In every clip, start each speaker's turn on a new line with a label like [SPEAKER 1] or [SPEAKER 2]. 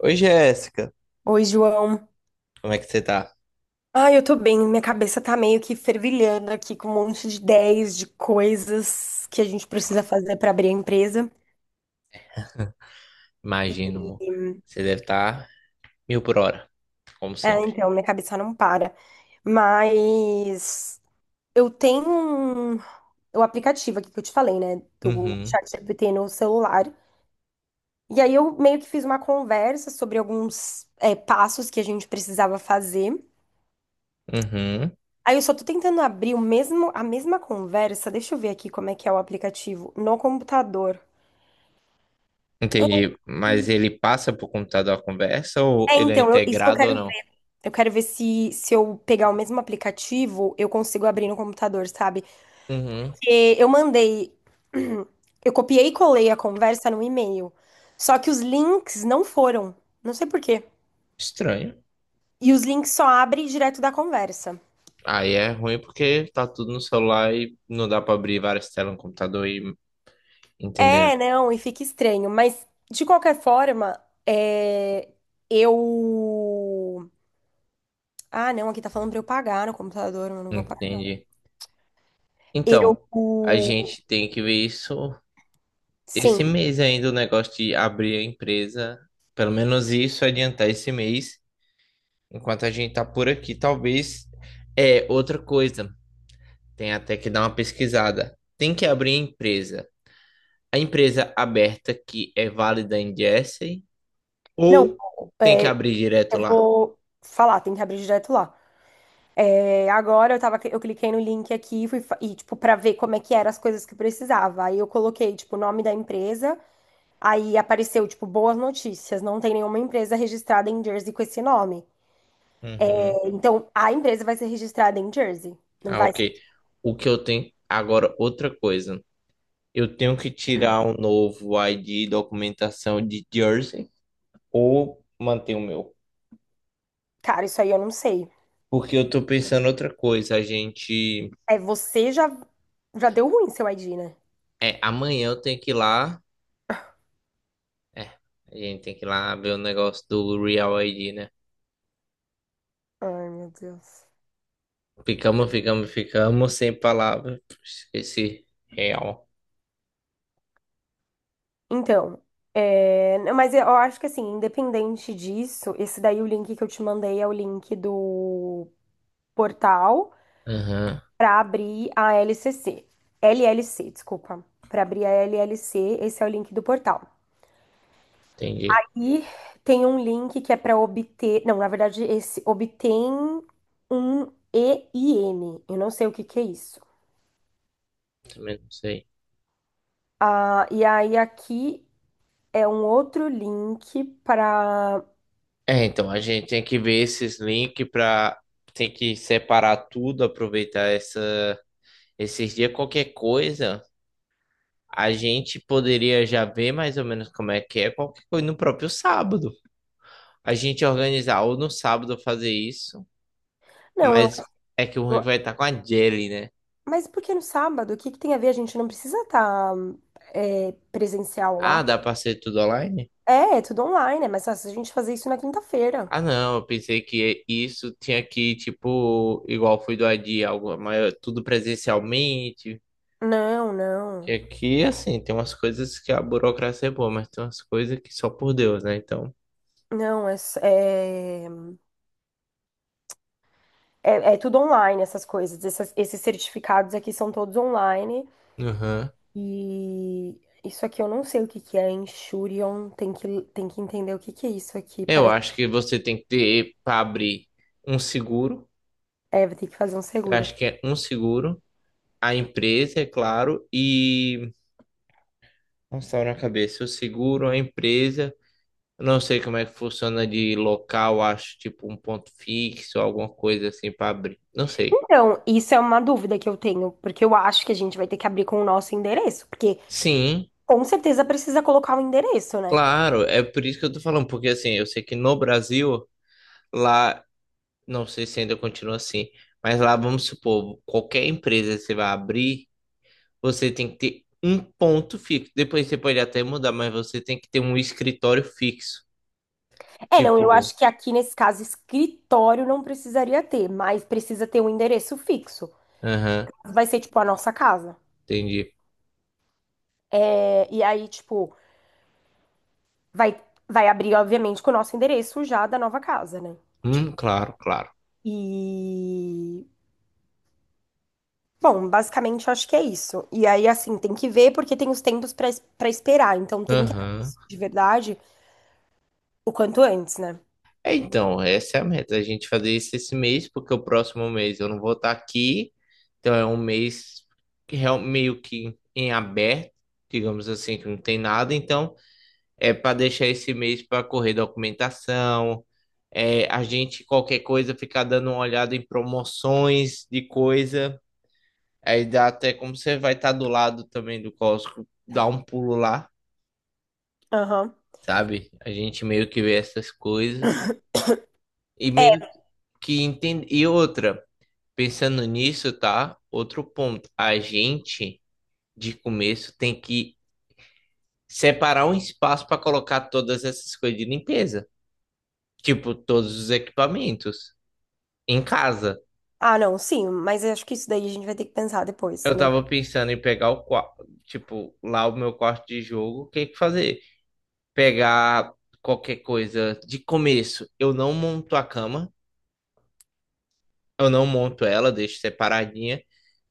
[SPEAKER 1] Oi, Jéssica.
[SPEAKER 2] Oi, João.
[SPEAKER 1] Como é que você tá?
[SPEAKER 2] Eu tô bem. Minha cabeça tá meio que fervilhando aqui com um monte de ideias de coisas que a gente precisa fazer pra abrir a empresa.
[SPEAKER 1] Imagino, amor.
[SPEAKER 2] E,
[SPEAKER 1] Você deve estar mil por hora, como sempre.
[SPEAKER 2] Minha cabeça não para. Mas eu o aplicativo aqui que eu te falei, né, do
[SPEAKER 1] Uhum,
[SPEAKER 2] ChatGPT no celular. E aí eu meio que fiz uma conversa sobre alguns passos que a gente precisava fazer.
[SPEAKER 1] uhum.
[SPEAKER 2] Aí eu só tô tentando abrir a mesma conversa. Deixa eu ver aqui como é que é o aplicativo no computador.
[SPEAKER 1] Entendi. Mas ele passa pro computador a conversa ou ele é
[SPEAKER 2] Isso que eu
[SPEAKER 1] integrado ou
[SPEAKER 2] quero
[SPEAKER 1] não?
[SPEAKER 2] ver. Eu quero ver se eu pegar o mesmo aplicativo, eu consigo abrir no computador, sabe?
[SPEAKER 1] Uhum.
[SPEAKER 2] Porque eu mandei. Eu copiei e colei a conversa no e-mail. Só que os links não foram. Não sei por quê.
[SPEAKER 1] Estranho.
[SPEAKER 2] E os links só abrem direto da conversa.
[SPEAKER 1] Aí é ruim porque tá tudo no celular e não dá pra abrir várias telas no computador e entenderam.
[SPEAKER 2] É, não, e fica estranho. Mas, de qualquer forma, é, eu. Ah, não, aqui tá falando pra eu pagar no computador, mas eu não vou pagar.
[SPEAKER 1] Entendi.
[SPEAKER 2] Eu.
[SPEAKER 1] Então, a gente tem que ver isso esse
[SPEAKER 2] Sim.
[SPEAKER 1] mês ainda, o negócio de abrir a empresa. Pelo menos isso adiantar esse mês, enquanto a gente tá por aqui, talvez. É, outra coisa, tem até que dar uma pesquisada. Tem que abrir a empresa. A empresa aberta que é válida em Jersey
[SPEAKER 2] Não,
[SPEAKER 1] ou tem que
[SPEAKER 2] é,
[SPEAKER 1] abrir direto
[SPEAKER 2] eu
[SPEAKER 1] lá?
[SPEAKER 2] vou falar, tem que abrir direto lá. Agora eu tava, eu cliquei no link aqui e tipo, pra ver como é que eram as coisas que eu precisava. Aí eu coloquei, tipo, o nome da empresa, aí apareceu, tipo, boas notícias. Não tem nenhuma empresa registrada em Jersey com esse nome.
[SPEAKER 1] Uhum.
[SPEAKER 2] Então, a empresa vai ser registrada em Jersey. Não
[SPEAKER 1] Ah,
[SPEAKER 2] vai
[SPEAKER 1] ok.
[SPEAKER 2] ser.
[SPEAKER 1] O que eu tenho. Agora, outra coisa. Eu tenho que tirar um novo ID e documentação de Jersey ou manter o meu?
[SPEAKER 2] Cara, isso aí eu não sei.
[SPEAKER 1] Porque eu tô pensando outra coisa. A gente.
[SPEAKER 2] É, você já, já deu ruim seu ID, né?
[SPEAKER 1] É, amanhã eu tenho que ir lá. É, a gente tem que ir lá ver o negócio do Real ID, né?
[SPEAKER 2] Ai, meu Deus.
[SPEAKER 1] Ficamos sem palavras. Esqueci. Real.
[SPEAKER 2] Então, é, não, mas eu acho que assim, independente disso, esse daí o link que eu te mandei é o link do portal
[SPEAKER 1] Aham,
[SPEAKER 2] para abrir a LCC. LLC, desculpa. Para abrir a LLC, esse é o link do portal.
[SPEAKER 1] entendi.
[SPEAKER 2] E tem um link que é para obter, não, na verdade, esse obtém um e i EIN. Eu não sei o que que é isso.
[SPEAKER 1] Também não sei.
[SPEAKER 2] E aí aqui é um outro link para.
[SPEAKER 1] É, então a gente tem que ver esses links pra. Tem que separar tudo, aproveitar essa esses dias. Qualquer coisa, a gente poderia já ver mais ou menos como é que é. Qualquer coisa no próprio sábado. A gente organizar ou no sábado fazer isso,
[SPEAKER 2] Não, eu
[SPEAKER 1] mas é que o ruim vai estar com a Jelly, né?
[SPEAKER 2] Mas por que no sábado? O que que tem a ver? A gente não precisa estar presencial
[SPEAKER 1] Ah,
[SPEAKER 2] lá.
[SPEAKER 1] dá pra ser tudo online?
[SPEAKER 2] É, é tudo online, é mais fácil a gente fazer isso na quinta-feira.
[SPEAKER 1] Ah, não, eu pensei que isso tinha que, tipo, igual foi do AD, algo maior, tudo presencialmente.
[SPEAKER 2] Não,
[SPEAKER 1] E
[SPEAKER 2] não.
[SPEAKER 1] aqui, assim, tem umas coisas que a burocracia é boa, mas tem umas coisas que só por Deus, né? Então,
[SPEAKER 2] Não, é, s- é, é tudo online essas coisas. Esses certificados aqui são todos online.
[SPEAKER 1] aham,
[SPEAKER 2] E isso aqui eu não sei o que que é. Insurance, tem que entender o que que é isso aqui.
[SPEAKER 1] eu acho que você tem que ter para abrir um seguro.
[SPEAKER 2] Vai ter que fazer um
[SPEAKER 1] Eu
[SPEAKER 2] seguro.
[SPEAKER 1] acho que é um seguro, a empresa, é claro, e. Nossa, tá na cabeça, o seguro, a empresa. Eu não sei como é que funciona de local, acho tipo um ponto fixo, alguma coisa assim para abrir. Não sei.
[SPEAKER 2] Então, isso é uma dúvida que eu tenho, porque eu acho que a gente vai ter que abrir com o nosso endereço, porque
[SPEAKER 1] Sim,
[SPEAKER 2] com certeza precisa colocar o endereço, né?
[SPEAKER 1] claro, é por isso que eu tô falando, porque assim, eu sei que no Brasil, lá, não sei se ainda continua assim, mas lá, vamos supor, qualquer empresa que você vai abrir, você tem que ter um ponto fixo. Depois você pode até mudar, mas você tem que ter um escritório fixo.
[SPEAKER 2] É, não, eu
[SPEAKER 1] Tipo,
[SPEAKER 2] acho que aqui nesse caso escritório não precisaria ter, mas precisa ter um endereço fixo.
[SPEAKER 1] aham,
[SPEAKER 2] Vai ser tipo a nossa casa.
[SPEAKER 1] entendi.
[SPEAKER 2] É, e aí, tipo, vai, vai abrir, obviamente, com o nosso endereço já da nova casa, né? Tipo,
[SPEAKER 1] Claro, claro.
[SPEAKER 2] e. Bom, basicamente eu acho que é isso. E aí, assim, tem que ver porque tem os tempos pra esperar. Então tem que abrir
[SPEAKER 1] Aham.
[SPEAKER 2] isso de verdade. O quanto antes, né?
[SPEAKER 1] É, então, essa é a meta, a gente fazer isso esse mês, porque o próximo mês eu não vou estar aqui, então é um mês que real- meio que em aberto, digamos assim, que não tem nada, então é para deixar esse mês para correr documentação, é, a gente, qualquer coisa, ficar dando uma olhada em promoções de coisa, aí dá até como você vai estar do lado também do Costco, dá um pulo lá,
[SPEAKER 2] Aham.
[SPEAKER 1] sabe? A gente meio que vê essas coisas, e meio
[SPEAKER 2] É,
[SPEAKER 1] que entende, e outra. Pensando nisso, tá? Outro ponto. A gente, de começo, tem que separar um espaço para colocar todas essas coisas de limpeza. Tipo, todos os equipamentos. Em casa.
[SPEAKER 2] não, sim, mas eu acho que isso daí a gente vai ter que pensar depois.
[SPEAKER 1] Eu
[SPEAKER 2] Não.
[SPEAKER 1] tava pensando em pegar o quarto. Tipo, lá o meu quarto de jogo, o que que fazer? Pegar qualquer coisa. De começo, eu não monto a cama. Eu não monto ela, deixo separadinha.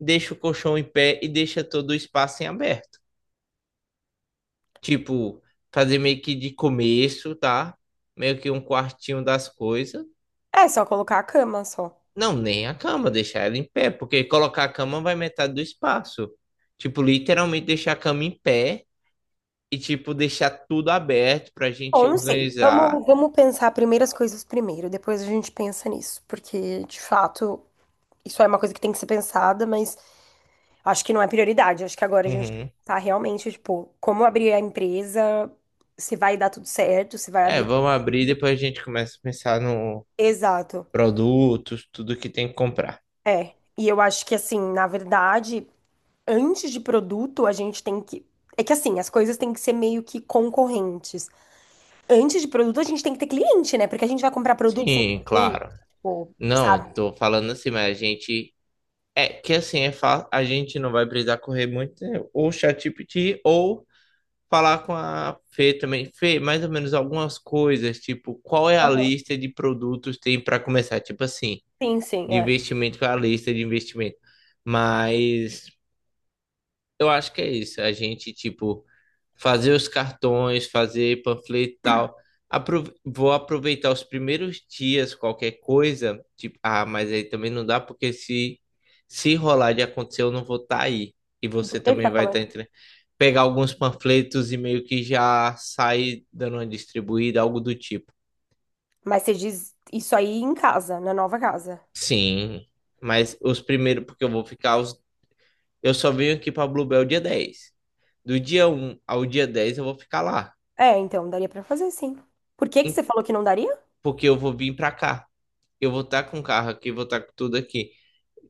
[SPEAKER 1] Deixo o colchão em pé e deixa todo o espaço em aberto. Tipo, fazer meio que de começo, tá? Meio que um quartinho das coisas.
[SPEAKER 2] É só colocar a cama só.
[SPEAKER 1] Não, nem a cama, deixar ela em pé, porque colocar a cama vai metade do espaço. Tipo, literalmente deixar a cama em pé e, tipo, deixar tudo aberto pra gente
[SPEAKER 2] Bom, não sei.
[SPEAKER 1] organizar.
[SPEAKER 2] Vamos pensar primeiro as coisas primeiro, depois a gente pensa nisso, porque de fato isso é uma coisa que tem que ser pensada, mas acho que não é prioridade. Acho que agora a gente tem que
[SPEAKER 1] Uhum.
[SPEAKER 2] pensar realmente, tipo, como abrir a empresa, se vai dar tudo certo, se vai
[SPEAKER 1] É,
[SPEAKER 2] abrir.
[SPEAKER 1] vamos abrir, depois a gente começa a pensar no
[SPEAKER 2] Exato.
[SPEAKER 1] produtos, tudo que tem que comprar.
[SPEAKER 2] É. E eu acho que assim, na verdade. Antes de produto, a gente tem que. É que assim, as coisas têm que ser meio que concorrentes. Antes de produto, a gente tem que ter cliente, né? Porque a gente vai comprar produto sem ter
[SPEAKER 1] Sim,
[SPEAKER 2] cliente,
[SPEAKER 1] claro.
[SPEAKER 2] tipo,
[SPEAKER 1] Não,
[SPEAKER 2] sabe?
[SPEAKER 1] tô falando assim, mas a gente é, que assim, é fa- a gente não vai precisar correr muito, né? Ou ChatGPT, ou falar com a Fê também. Fê, mais ou menos algumas coisas, tipo, qual é a
[SPEAKER 2] Aham.
[SPEAKER 1] lista de produtos tem para começar? Tipo assim,
[SPEAKER 2] Sim,
[SPEAKER 1] de
[SPEAKER 2] é.
[SPEAKER 1] investimento, qual é a lista de investimento? Mas eu acho que é isso. A gente, tipo, fazer os cartões, fazer panfleto e tal. Aprove- vou aproveitar os primeiros dias, qualquer coisa. Tipo, ah, mas aí também não dá, porque se rolar de acontecer, eu não vou estar aí. E você
[SPEAKER 2] Ele
[SPEAKER 1] também
[SPEAKER 2] tá
[SPEAKER 1] vai estar
[SPEAKER 2] falando.
[SPEAKER 1] entre. Pegar alguns panfletos e meio que já sair dando uma distribuída, algo do tipo.
[SPEAKER 2] Mas você diz isso aí em casa, na nova casa.
[SPEAKER 1] Sim, mas os primeiros, porque eu vou ficar. Os... eu só venho aqui pra Bluebell dia 10. Do dia 1 ao dia 10 eu vou ficar lá.
[SPEAKER 2] É, então, daria pra fazer, sim. Por que que você falou que não daria?
[SPEAKER 1] Porque eu vou vir pra cá. Eu vou estar com o carro aqui, vou estar com tudo aqui.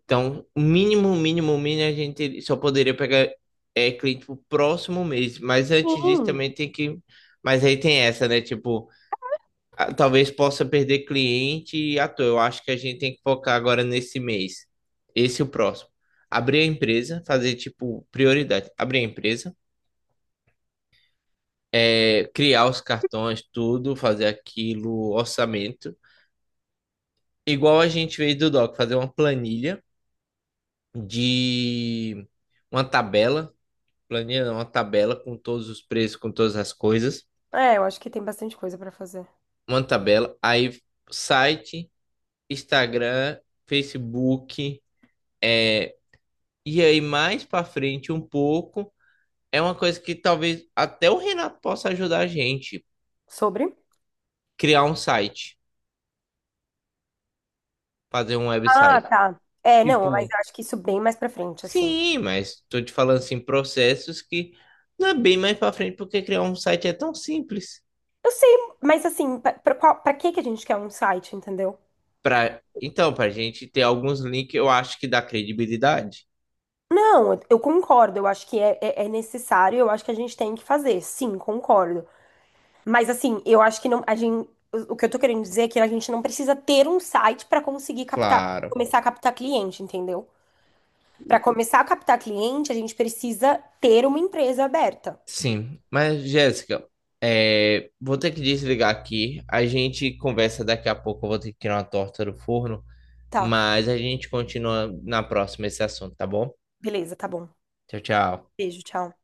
[SPEAKER 1] Então, mínimo, a gente só poderia pegar é, cliente pro próximo mês. Mas antes disso
[SPEAKER 2] Sim.
[SPEAKER 1] também tem que. Mas aí tem essa, né? Tipo, ah, talvez possa perder cliente e à toa. Eu acho que a gente tem que focar agora nesse mês. Esse e o próximo. Abrir a empresa, fazer, tipo, prioridade. Abrir a empresa, é, criar os cartões, tudo, fazer aquilo, orçamento. Igual a gente fez do Doc, fazer uma planilha de uma tabela, planilha não, uma tabela com todos os preços, com todas as coisas,
[SPEAKER 2] É, eu acho que tem bastante coisa pra fazer.
[SPEAKER 1] uma tabela, aí site, Instagram, Facebook, é, e aí mais para frente um pouco, é uma coisa que talvez até o Renato possa ajudar a gente,
[SPEAKER 2] Sobre?
[SPEAKER 1] criar um site, fazer um
[SPEAKER 2] Ah,
[SPEAKER 1] website.
[SPEAKER 2] tá. É, não,
[SPEAKER 1] Tipo,
[SPEAKER 2] mas
[SPEAKER 1] um,
[SPEAKER 2] eu acho que isso bem mais pra frente, assim.
[SPEAKER 1] sim, mas tô te falando assim, processos que não é bem mais para frente porque criar um site é tão simples.
[SPEAKER 2] Eu sei, mas assim, pra que que a gente quer um site, entendeu?
[SPEAKER 1] Pra... então, pra gente ter alguns links, eu acho que dá credibilidade.
[SPEAKER 2] Não, eu concordo. Eu acho que é necessário. Eu acho que a gente tem que fazer. Sim, concordo. Mas assim, eu acho que não. A gente, o que eu tô querendo dizer é que a gente não precisa ter um site para conseguir captar,
[SPEAKER 1] Claro.
[SPEAKER 2] começar a captar cliente, entendeu? Para começar a captar cliente, a gente precisa ter uma empresa aberta.
[SPEAKER 1] Sim. Mas, Jéssica, é, vou ter que desligar aqui. A gente conversa daqui a pouco. Eu vou ter que tirar uma torta do forno.
[SPEAKER 2] Tá,
[SPEAKER 1] Mas a gente continua na próxima esse assunto, tá bom?
[SPEAKER 2] beleza, tá bom.
[SPEAKER 1] Tchau, tchau.
[SPEAKER 2] Beijo, tchau.